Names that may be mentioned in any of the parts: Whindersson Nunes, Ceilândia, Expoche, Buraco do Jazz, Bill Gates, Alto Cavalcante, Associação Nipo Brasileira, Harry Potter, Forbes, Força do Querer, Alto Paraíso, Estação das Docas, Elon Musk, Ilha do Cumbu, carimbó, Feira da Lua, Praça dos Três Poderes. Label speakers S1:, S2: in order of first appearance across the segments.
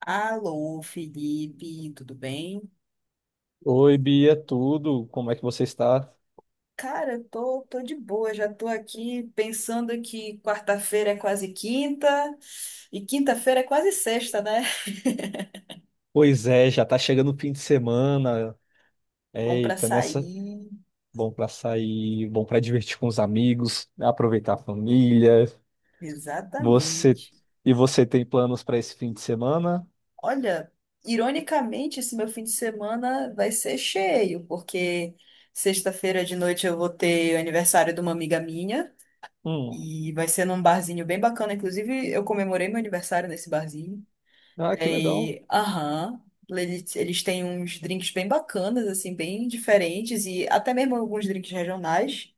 S1: Alô, Felipe, tudo bem?
S2: Oi, Bia, tudo? Como é que você está?
S1: Cara, eu tô de boa, já tô aqui pensando que quarta-feira é quase quinta e quinta-feira é quase sexta, né?
S2: Pois é, já tá chegando o fim de semana.
S1: Bom pra
S2: Eita, nessa,
S1: sair,
S2: bom pra sair, bom pra divertir com os amigos, aproveitar a família. Você
S1: exatamente.
S2: você tem planos para esse fim de semana?
S1: Olha, ironicamente, esse meu fim de semana vai ser cheio, porque sexta-feira de noite eu vou ter o aniversário de uma amiga minha
S2: Hum.
S1: e vai ser num barzinho bem bacana. Inclusive, eu comemorei meu aniversário nesse barzinho.
S2: Ah, que legal.
S1: E, aham, eles têm uns drinks bem bacanas, assim, bem diferentes, e até mesmo alguns drinks regionais.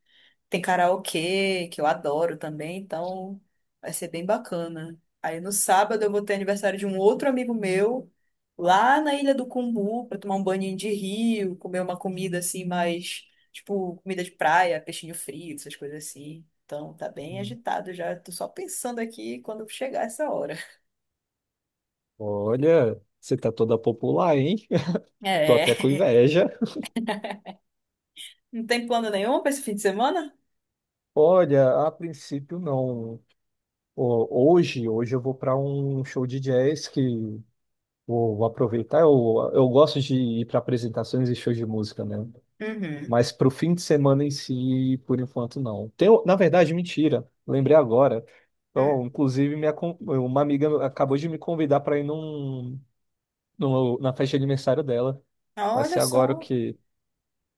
S1: Tem karaokê, que eu adoro também, então vai ser bem bacana. Aí no sábado eu vou ter aniversário de um outro amigo meu, lá na Ilha do Cumbu, para tomar um banho de rio, comer uma comida assim, mais, tipo, comida de praia, peixinho frito, essas coisas assim. Então tá bem
S2: Hum.
S1: agitado já, tô só pensando aqui quando chegar essa hora.
S2: Olha, você tá toda popular, hein? Tô até
S1: É.
S2: com inveja.
S1: Não tem plano nenhum para esse fim de semana?
S2: Olha, a princípio não. Ho- hoje eu vou para um show de jazz. Que Vou, aproveitar. Eu gosto de ir para apresentações e shows de música, né?
S1: Uhum.
S2: Mas para o fim de semana em si, por enquanto, não. Tem, na verdade, mentira. Lembrei agora. Então,
S1: Hum.
S2: inclusive, uma amiga acabou de me convidar para ir na festa de aniversário dela. Vai ser
S1: Olha
S2: agora o
S1: só.
S2: que?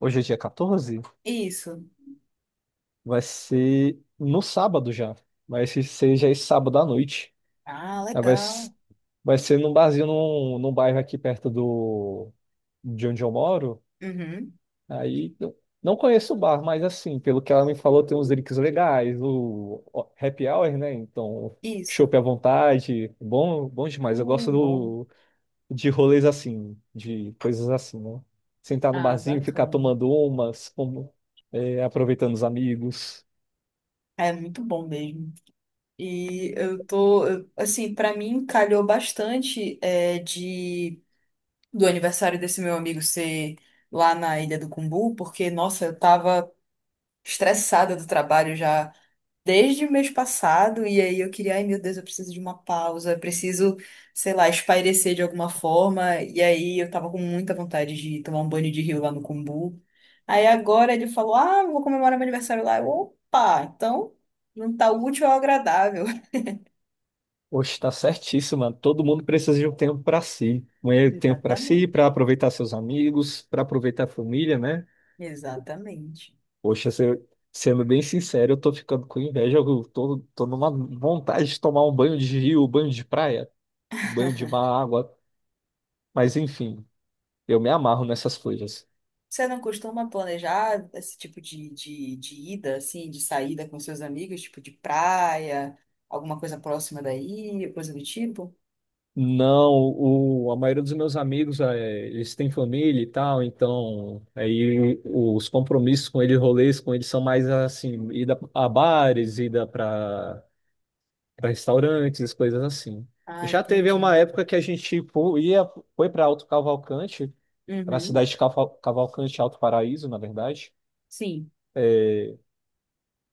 S2: Hoje é dia 14?
S1: Isso.
S2: Vai ser no sábado já. Vai ser já esse sábado à noite.
S1: Ah,
S2: Aí Vai, s-
S1: legal.
S2: vai ser num barzinho, num bairro aqui perto de onde eu moro.
S1: Uhum.
S2: Aí não, não conheço o bar, mas assim, pelo que ela me falou, tem uns drinks legais, o happy hour, né? Então,
S1: Isso.
S2: chopp à vontade, bom, bom demais. Eu gosto
S1: Bom.
S2: de rolês assim, de coisas assim, né? Sentar no
S1: Ah,
S2: barzinho, ficar
S1: bacana.
S2: tomando umas, aproveitando os amigos.
S1: É muito bom mesmo. E assim, pra mim calhou bastante de do aniversário desse meu amigo ser lá na Ilha do Cumbu, porque, nossa, eu tava estressada do trabalho já desde o mês passado, e aí eu queria, ai meu Deus, eu preciso de uma pausa, eu preciso, sei lá, espairecer de alguma forma, e aí eu tava com muita vontade de tomar um banho de rio lá no Cumbu. Aí agora ele falou, ah, eu vou comemorar meu aniversário lá. Eu, opa, então não tá útil ao agradável.
S2: Oxe, tá certíssimo, mano. Todo mundo precisa de um tempo pra si. Um tempo pra si,
S1: Exatamente,
S2: pra aproveitar seus amigos, pra aproveitar a família, né?
S1: exatamente.
S2: Poxa, sendo bem sincero, eu tô ficando com inveja. Eu tô numa vontade de tomar um banho de rio, banho de praia, banho de mar, água. Mas enfim, eu me amarro nessas coisas.
S1: Você não costuma planejar esse tipo de ida, assim, de saída com seus amigos, tipo de praia, alguma coisa próxima daí, coisa do tipo?
S2: Não, a maioria dos meus amigos, eles têm família e tal, então aí os compromissos com eles, rolês com eles são mais assim, ida a bares, ida para restaurantes, coisas assim.
S1: Ah,
S2: Já teve
S1: entendi.
S2: uma época que a gente tipo, foi para Alto Cavalcante, na
S1: Uhum.
S2: cidade de Cavalcante, Alto Paraíso, na verdade.
S1: Sim.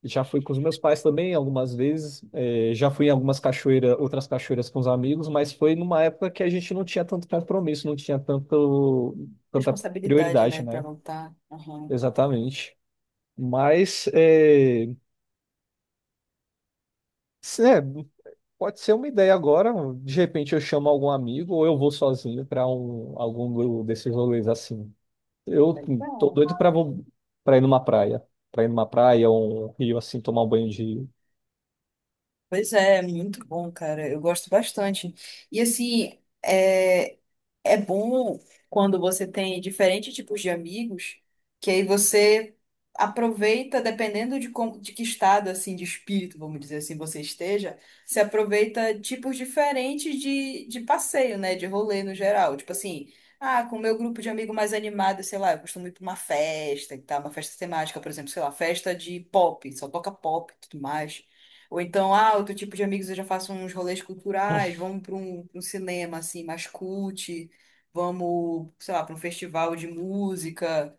S2: Já fui com os meus pais também algumas vezes. Já fui em algumas cachoeiras, outras cachoeiras com os amigos, mas foi numa época que a gente não tinha tanto compromisso, não tinha tanta
S1: Responsabilidade,
S2: prioridade,
S1: né, para
S2: né?
S1: voltar. Aham.
S2: Exatamente. Mas se- é, pode ser uma ideia agora. De repente eu chamo algum amigo ou eu vou sozinho para algum desses rolês assim. Eu tô
S1: Legal.
S2: doido pra ir numa praia. Pra ir numa praia, um rio, assim, tomar um banho de rio.
S1: Pois é, muito bom, cara. Eu gosto bastante. E assim, é, é bom quando você tem diferentes tipos de amigos, que aí você aproveita, dependendo de, como, de que estado assim de espírito, vamos dizer assim, você esteja, você aproveita tipos diferentes de passeio, né? De rolê no geral. Tipo assim, ah, com o meu grupo de amigo mais animado, sei lá, eu costumo ir para uma festa e tal, uma festa temática, por exemplo, sei lá, festa de pop, só toca pop e tudo mais. Ou então, ah, outro tipo de amigos eu já faço uns rolês culturais, vamos para pra um cinema assim, mais cult, vamos, sei lá, para um festival de música,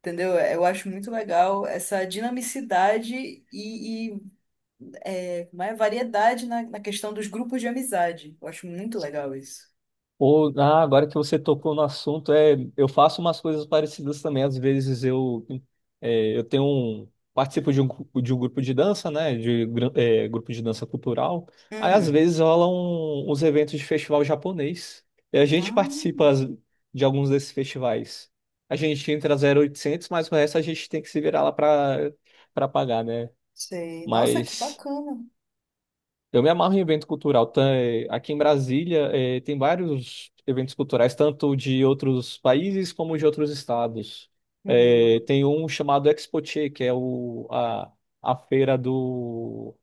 S1: entendeu? Eu acho muito legal essa dinamicidade e como é, variedade na questão dos grupos de amizade. Eu acho muito legal isso.
S2: Ou, ah, agora que você tocou no assunto, eu faço umas coisas parecidas também. Às vezes eu participo de um grupo de dança, né? De grupo de dança cultural. Aí às
S1: Uhum.
S2: vezes rolam uns eventos de festival japonês. E a gente
S1: Ah,
S2: participa de alguns desses festivais. A gente entra 0800, mas o resto a gente tem que se virar lá para pagar, né?
S1: sei. Nossa, que
S2: Mas
S1: bacana.
S2: eu me amarro em evento cultural. Tá, aqui em Brasília, tem vários eventos culturais, tanto de outros países como de outros estados. Eh,
S1: Hum,
S2: tem um chamado Expoche, que é a feira do,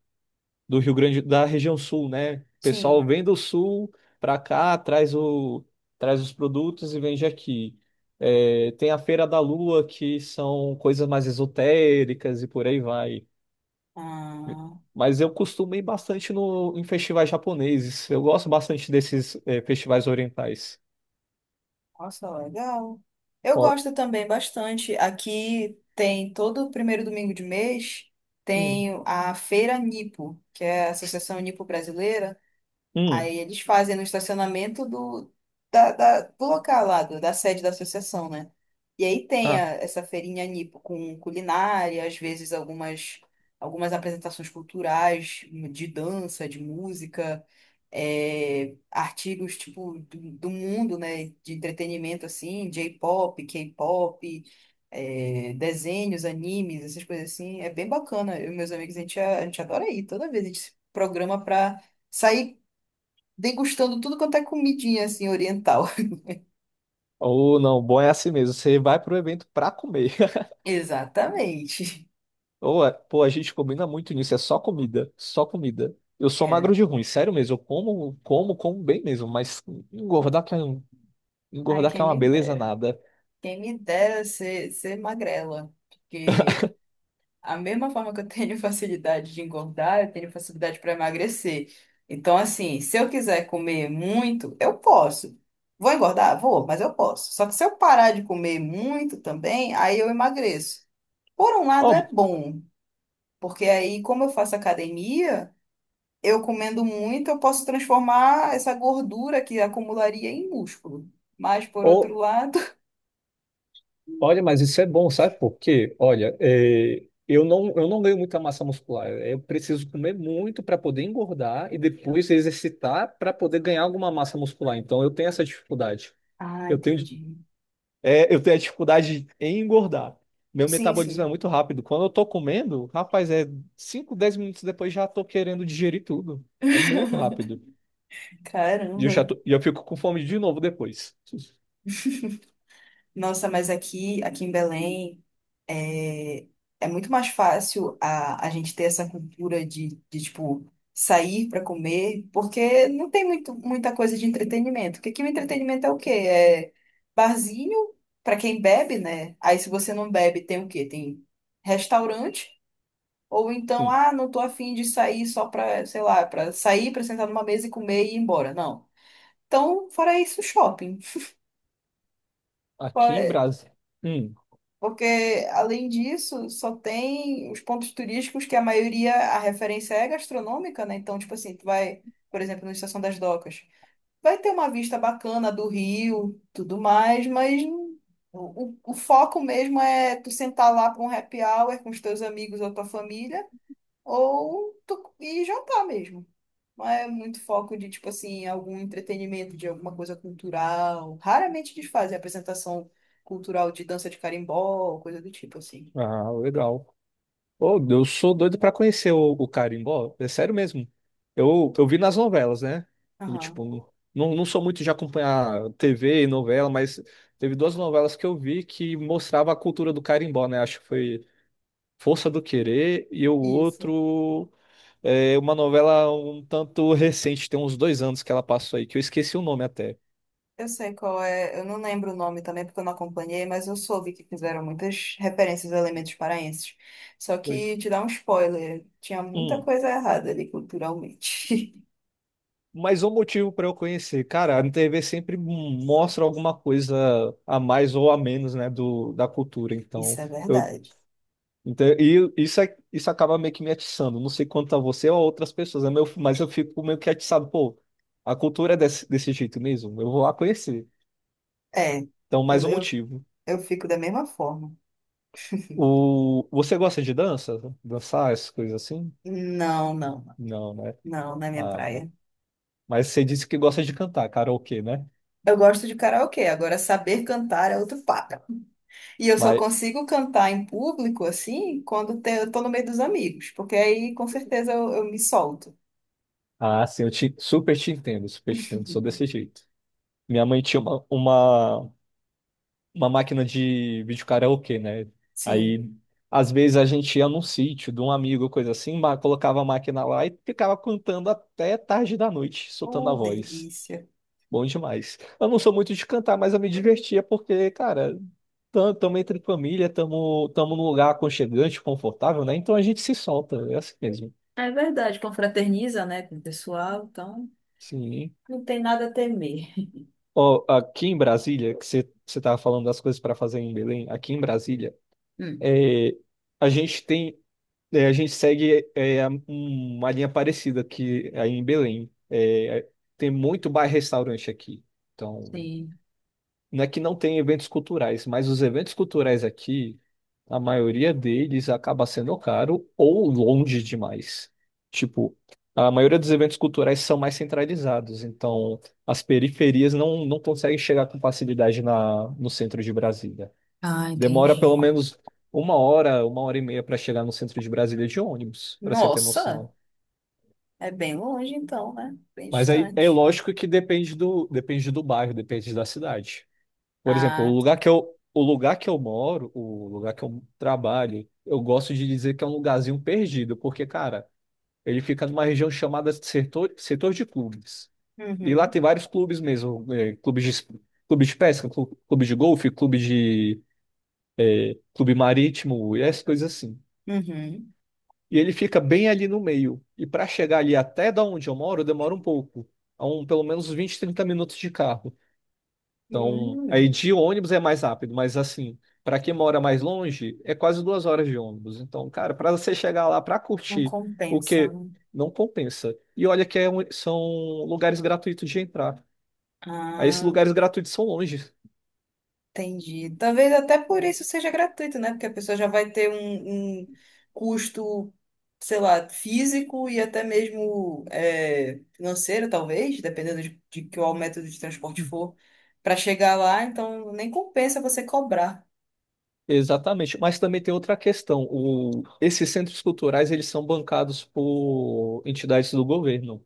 S2: do Rio Grande, da região sul, né? O pessoal
S1: sim.
S2: vem do sul para cá, traz os produtos e vende aqui. Tem a Feira da Lua, que são coisas mais esotéricas e por aí vai.
S1: Ah,
S2: Mas eu costumo ir bastante no, em festivais japoneses. Eu gosto bastante desses festivais orientais.
S1: nossa, legal. Eu
S2: Ó,
S1: gosto também bastante. Aqui tem todo o primeiro domingo de mês.
S2: hum,
S1: Tem a Feira Nipo, que é a Associação Nipo Brasileira.
S2: hum,
S1: Aí eles fazem no estacionamento do local lá, da sede da associação, né? E aí tem
S2: ah,
S1: essa feirinha nipo com culinária, às vezes algumas, algumas apresentações culturais de dança, de música, artigos tipo do mundo, né? De entretenimento assim, J-pop, K-pop, desenhos, animes, essas coisas assim. É bem bacana. Eu e meus amigos, a gente adora ir. Toda vez a gente se programa pra sair degustando tudo quanto é comidinha assim oriental.
S2: ou não, bom é assim mesmo. Você vai pro evento pra comer.
S1: Exatamente.
S2: Ou, pô, a gente combina muito nisso. É só comida, só comida. Eu sou
S1: É.
S2: magro de ruim, sério mesmo. Eu como, como, como bem mesmo. Mas engordar que é, um-
S1: Ai,
S2: engordar que é
S1: quem
S2: uma
S1: me
S2: beleza
S1: dera.
S2: nada.
S1: Quem me dera ser magrela. Porque a mesma forma que eu tenho facilidade de engordar, eu tenho facilidade para emagrecer. Então, assim, se eu quiser comer muito, eu posso. Vou engordar? Vou, mas eu posso. Só que se eu parar de comer muito também, aí eu emagreço. Por um lado é
S2: Ó,
S1: bom, porque aí, como eu faço academia, eu comendo muito, eu posso transformar essa gordura que acumularia em músculo. Mas, por outro lado.
S2: olha, mas isso é bom, sabe por quê? Olha, eu não ganho muita massa muscular. Eu preciso comer muito para poder engordar e depois exercitar para poder ganhar alguma massa muscular. Então, eu tenho essa dificuldade.
S1: Ah,
S2: Eu tenho,
S1: entendi.
S2: eu tenho a dificuldade em engordar. Meu
S1: Sim,
S2: metabolismo é
S1: sim.
S2: muito rápido. Quando eu tô comendo, rapaz, é 5 10 minutos depois já tô querendo digerir tudo. É muito rápido. E eu já
S1: Caramba.
S2: tô- e eu fico com fome de novo depois.
S1: Nossa, mas aqui, aqui em Belém, é, é muito mais fácil a gente ter essa cultura de tipo, sair para comer, porque não tem muito, muita coisa de entretenimento. Porque aqui o entretenimento é o quê? É barzinho para quem bebe, né? Aí, se você não bebe, tem o quê? Tem restaurante. Ou então,
S2: Sim.
S1: ah, não tô afim de sair só pra, sei lá, pra sair, pra sentar numa mesa e comer e ir embora. Não. Então, fora isso, shopping.
S2: Aqui em
S1: Fora-
S2: Brasília. Hum.
S1: porque, além disso, só tem os pontos turísticos que a maioria, a referência é gastronômica, né? Então, tipo assim, tu vai, por exemplo, na Estação das Docas, vai ter uma vista bacana do rio, tudo mais, mas não- o foco mesmo é tu sentar lá pra um happy hour com os teus amigos ou tua família, ou tu ir jantar mesmo. Não é muito foco de, tipo assim, algum entretenimento, de alguma coisa cultural. Raramente eles fazem apresentação cultural de dança de carimbó, coisa do tipo, assim.
S2: Ah, legal. Ô, eu sou doido pra conhecer o carimbó, é sério mesmo. Eu vi nas novelas, né? Eu,
S1: Aham,
S2: tipo, não sou muito de acompanhar TV e novela, mas teve duas novelas que eu vi que mostrava a cultura do carimbó, né? Acho que foi Força do Querer e o
S1: isso.
S2: outro é uma novela um tanto recente, tem uns 2 anos que ela passou aí, que eu esqueci o nome até.
S1: Eu sei qual é, eu não lembro o nome também porque eu não acompanhei, mas eu soube que fizeram muitas referências a elementos paraenses. Só
S2: Pois-
S1: que, te dar um spoiler, tinha muita
S2: Hum.
S1: coisa errada ali culturalmente.
S2: Mais um motivo para eu conhecer. Cara, a TV sempre mostra alguma coisa a mais ou a menos, né, da cultura. Então,
S1: Isso é
S2: eu,
S1: verdade.
S2: então e isso, é- isso acaba meio que me atiçando. Não sei quanto a você ou a outras pessoas, né, mas eu fico meio que atiçado. Pô, a cultura é desse jeito mesmo. Eu vou lá conhecer.
S1: É,
S2: Então, mais
S1: eu,
S2: um
S1: eu,
S2: motivo.
S1: eu fico da mesma forma.
S2: O, você gosta de dança? Dançar, essas coisas assim?
S1: Não, não,
S2: Não, né?
S1: não, na minha
S2: Ah, tá.
S1: praia.
S2: Mas você disse que gosta de cantar, karaokê, né?
S1: Eu gosto de karaokê, agora saber cantar é outro papo. E eu só
S2: Mas
S1: consigo cantar em público, assim, eu tô no meio dos amigos, porque aí com certeza eu me solto.
S2: Ah, sim, super te entendo, sou desse jeito. Minha mãe tinha uma máquina de vídeo karaokê, né?
S1: Sim.
S2: Aí, às vezes, a gente ia num sítio de um amigo, coisa assim, colocava a máquina lá e ficava cantando até tarde da noite, soltando a
S1: Oh,
S2: voz.
S1: delícia.
S2: Bom demais. Eu não sou muito de cantar, mas eu me divertia porque, cara, tamo entre família, tamo num lugar aconchegante, confortável, né? Então a gente se solta, é assim mesmo.
S1: É verdade, confraterniza, né, com o pessoal, então
S2: Sim.
S1: não tem nada a temer.
S2: Ó, aqui em Brasília, que você estava falando das coisas para fazer em Belém, aqui em Brasília,
S1: Hum,
S2: é, a gente tem, a gente segue uma linha parecida que é aí em Belém. É, tem muito bar-restaurante aqui. Então,
S1: sim.
S2: não é que não tem eventos culturais, mas os eventos culturais aqui, a maioria deles acaba sendo caro ou longe demais. Tipo, a maioria dos eventos culturais são mais centralizados, então as periferias não conseguem chegar com facilidade no centro de Brasília.
S1: Ah,
S2: Demora
S1: entendi.
S2: pelo menos uma hora e meia para chegar no centro de Brasília de ônibus, para você ter
S1: Nossa,
S2: noção.
S1: é bem longe então, né? Bem
S2: Mas aí é
S1: distante.
S2: lógico que depende do bairro, depende da cidade. Por exemplo,
S1: Ah, tá.
S2: o lugar que eu moro, o lugar que eu trabalho, eu gosto de dizer que é um lugarzinho perdido, porque, cara, ele fica numa região chamada setor de clubes. E lá
S1: Uhum,
S2: tem vários clubes mesmo, clubes de pesca, clube de golfe, clube marítimo, e essas coisas assim.
S1: uhum.
S2: E ele fica bem ali no meio. E para chegar ali até da onde eu moro, demora um pouco, pelo menos 20, 30 minutos de carro. Então, aí
S1: Hum,
S2: de ônibus é mais rápido, mas assim, para quem mora mais longe, é quase 2 horas de ônibus. Então, cara, para você chegar lá para
S1: não
S2: curtir,
S1: compensa,
S2: porque
S1: né?
S2: não compensa. E olha que são lugares gratuitos de entrar. Aí esses
S1: Ah.
S2: lugares gratuitos são longe.
S1: Entendi. Talvez até por isso seja gratuito, né? Porque a pessoa já vai ter um custo, sei lá, físico e até mesmo financeiro, talvez, dependendo de qual método de transporte for, para chegar lá. Então, nem compensa você cobrar.
S2: Exatamente. Mas também tem outra questão. Esses centros culturais, eles são bancados por entidades do governo.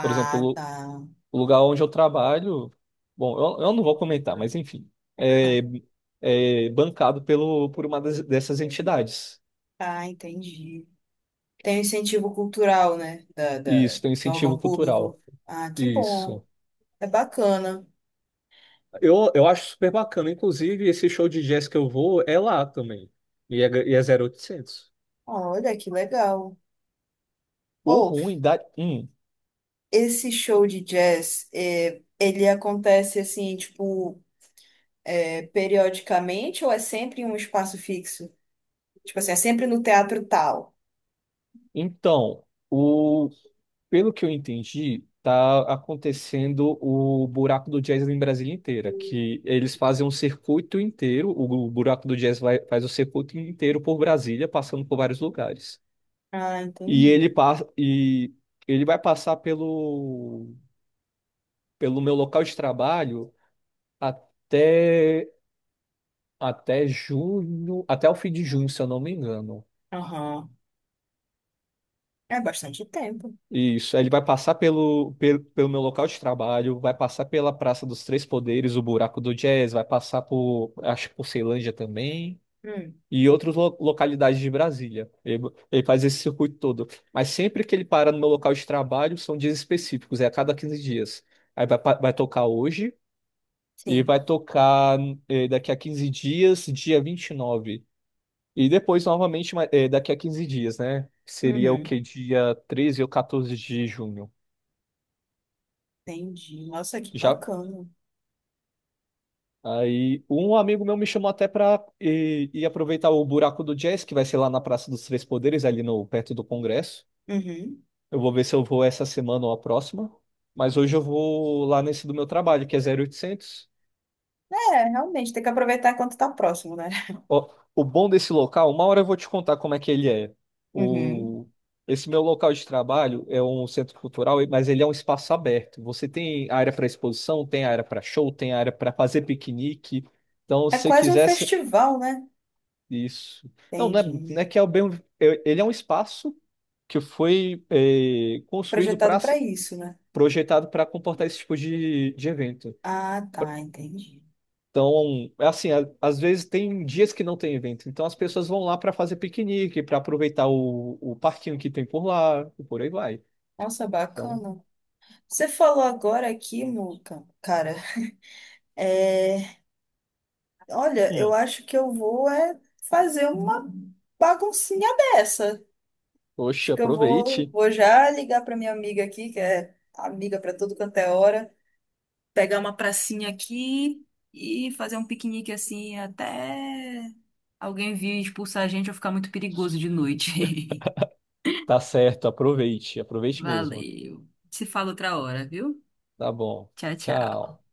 S2: Por exemplo,
S1: tá.
S2: o lugar onde eu trabalho, bom, eu não vou comentar, mas enfim, é, é bancado por uma dessas entidades.
S1: Ah, entendi. Tem o incentivo cultural, né?
S2: Isso, tem um
S1: Do
S2: incentivo
S1: órgão
S2: cultural.
S1: público. Ah, que bom.
S2: Isso.
S1: É bacana.
S2: Eu acho super bacana. Inclusive, esse show de jazz que eu vou é lá também. E é 0800.
S1: Olha, que legal.
S2: O
S1: Ou
S2: ruim da. Hum,
S1: esse show de jazz, é, ele acontece assim, tipo, é, periodicamente ou é sempre em um espaço fixo? Tipo assim, é sempre no teatro tal.
S2: então, o Pelo que eu entendi, tá acontecendo o buraco do jazz em Brasília inteira, que eles fazem um circuito inteiro, o buraco do jazz faz o circuito inteiro por Brasília, passando por vários lugares.
S1: Ah,
S2: E ele
S1: entendi.
S2: passa e ele vai passar pelo meu local de trabalho até até junho, até o fim de junho, se eu não me engano.
S1: Aham. É bastante tempo.
S2: Isso. Aí ele vai passar pelo meu local de trabalho, vai passar pela Praça dos Três Poderes, o Buraco do Jazz, vai passar acho que por Ceilândia também,
S1: Hum,
S2: e outras localidades de Brasília. Ele faz esse circuito todo. Mas sempre que ele para no meu local de trabalho, são dias específicos, é a cada 15 dias. Aí vai tocar hoje, e
S1: sim.
S2: vai tocar daqui a 15 dias, dia vinte e nove e depois, novamente, daqui a 15 dias, né? Seria o
S1: Uhum.
S2: que? Dia 13 ou 14 de junho.
S1: Entendi. Nossa, que
S2: Já
S1: bacana.
S2: Aí um amigo meu me chamou até para ir aproveitar o buraco do jazz, que vai ser lá na Praça dos Três Poderes, ali no perto do Congresso.
S1: Uhum.
S2: Eu vou ver se eu vou essa semana ou a próxima. Mas hoje eu vou lá nesse do meu trabalho, que é 0800.
S1: É, realmente, tem que aproveitar enquanto tá próximo, né?
S2: Ó, o bom desse local, uma hora eu vou te contar como é que ele é.
S1: Uhum.
S2: O, esse meu local de trabalho é um centro cultural, mas ele é um espaço aberto. Você tem área para exposição, tem área para show, tem área para fazer piquenique. Então,
S1: É
S2: se você
S1: quase um
S2: quiser.
S1: festival, né?
S2: Isso. Não, não é,
S1: Entendi.
S2: não é que é o bem. Ele é um espaço que foi construído para
S1: Projetado para isso, né?
S2: projetado para comportar esse tipo de evento.
S1: Ah, tá, entendi.
S2: Então, é assim, às vezes tem dias que não tem evento, então as pessoas vão lá para fazer piquenique, para aproveitar o parquinho que tem por lá, e por aí vai.
S1: Nossa,
S2: Então,
S1: bacana. Você falou agora aqui, Muca, cara, é, olha, eu
S2: hum,
S1: acho que eu vou é fazer uma baguncinha dessa. Acho
S2: poxa,
S1: que eu vou,
S2: aproveite.
S1: vou já ligar para minha amiga aqui, que é amiga para tudo quanto é hora, pegar uma pracinha aqui e fazer um piquenique assim até alguém vir expulsar a gente ou ficar muito perigoso de noite.
S2: Tá certo, aproveite, aproveite mesmo.
S1: Valeu. Se fala outra hora, viu?
S2: Tá bom.
S1: Tchau, tchau.
S2: Tchau.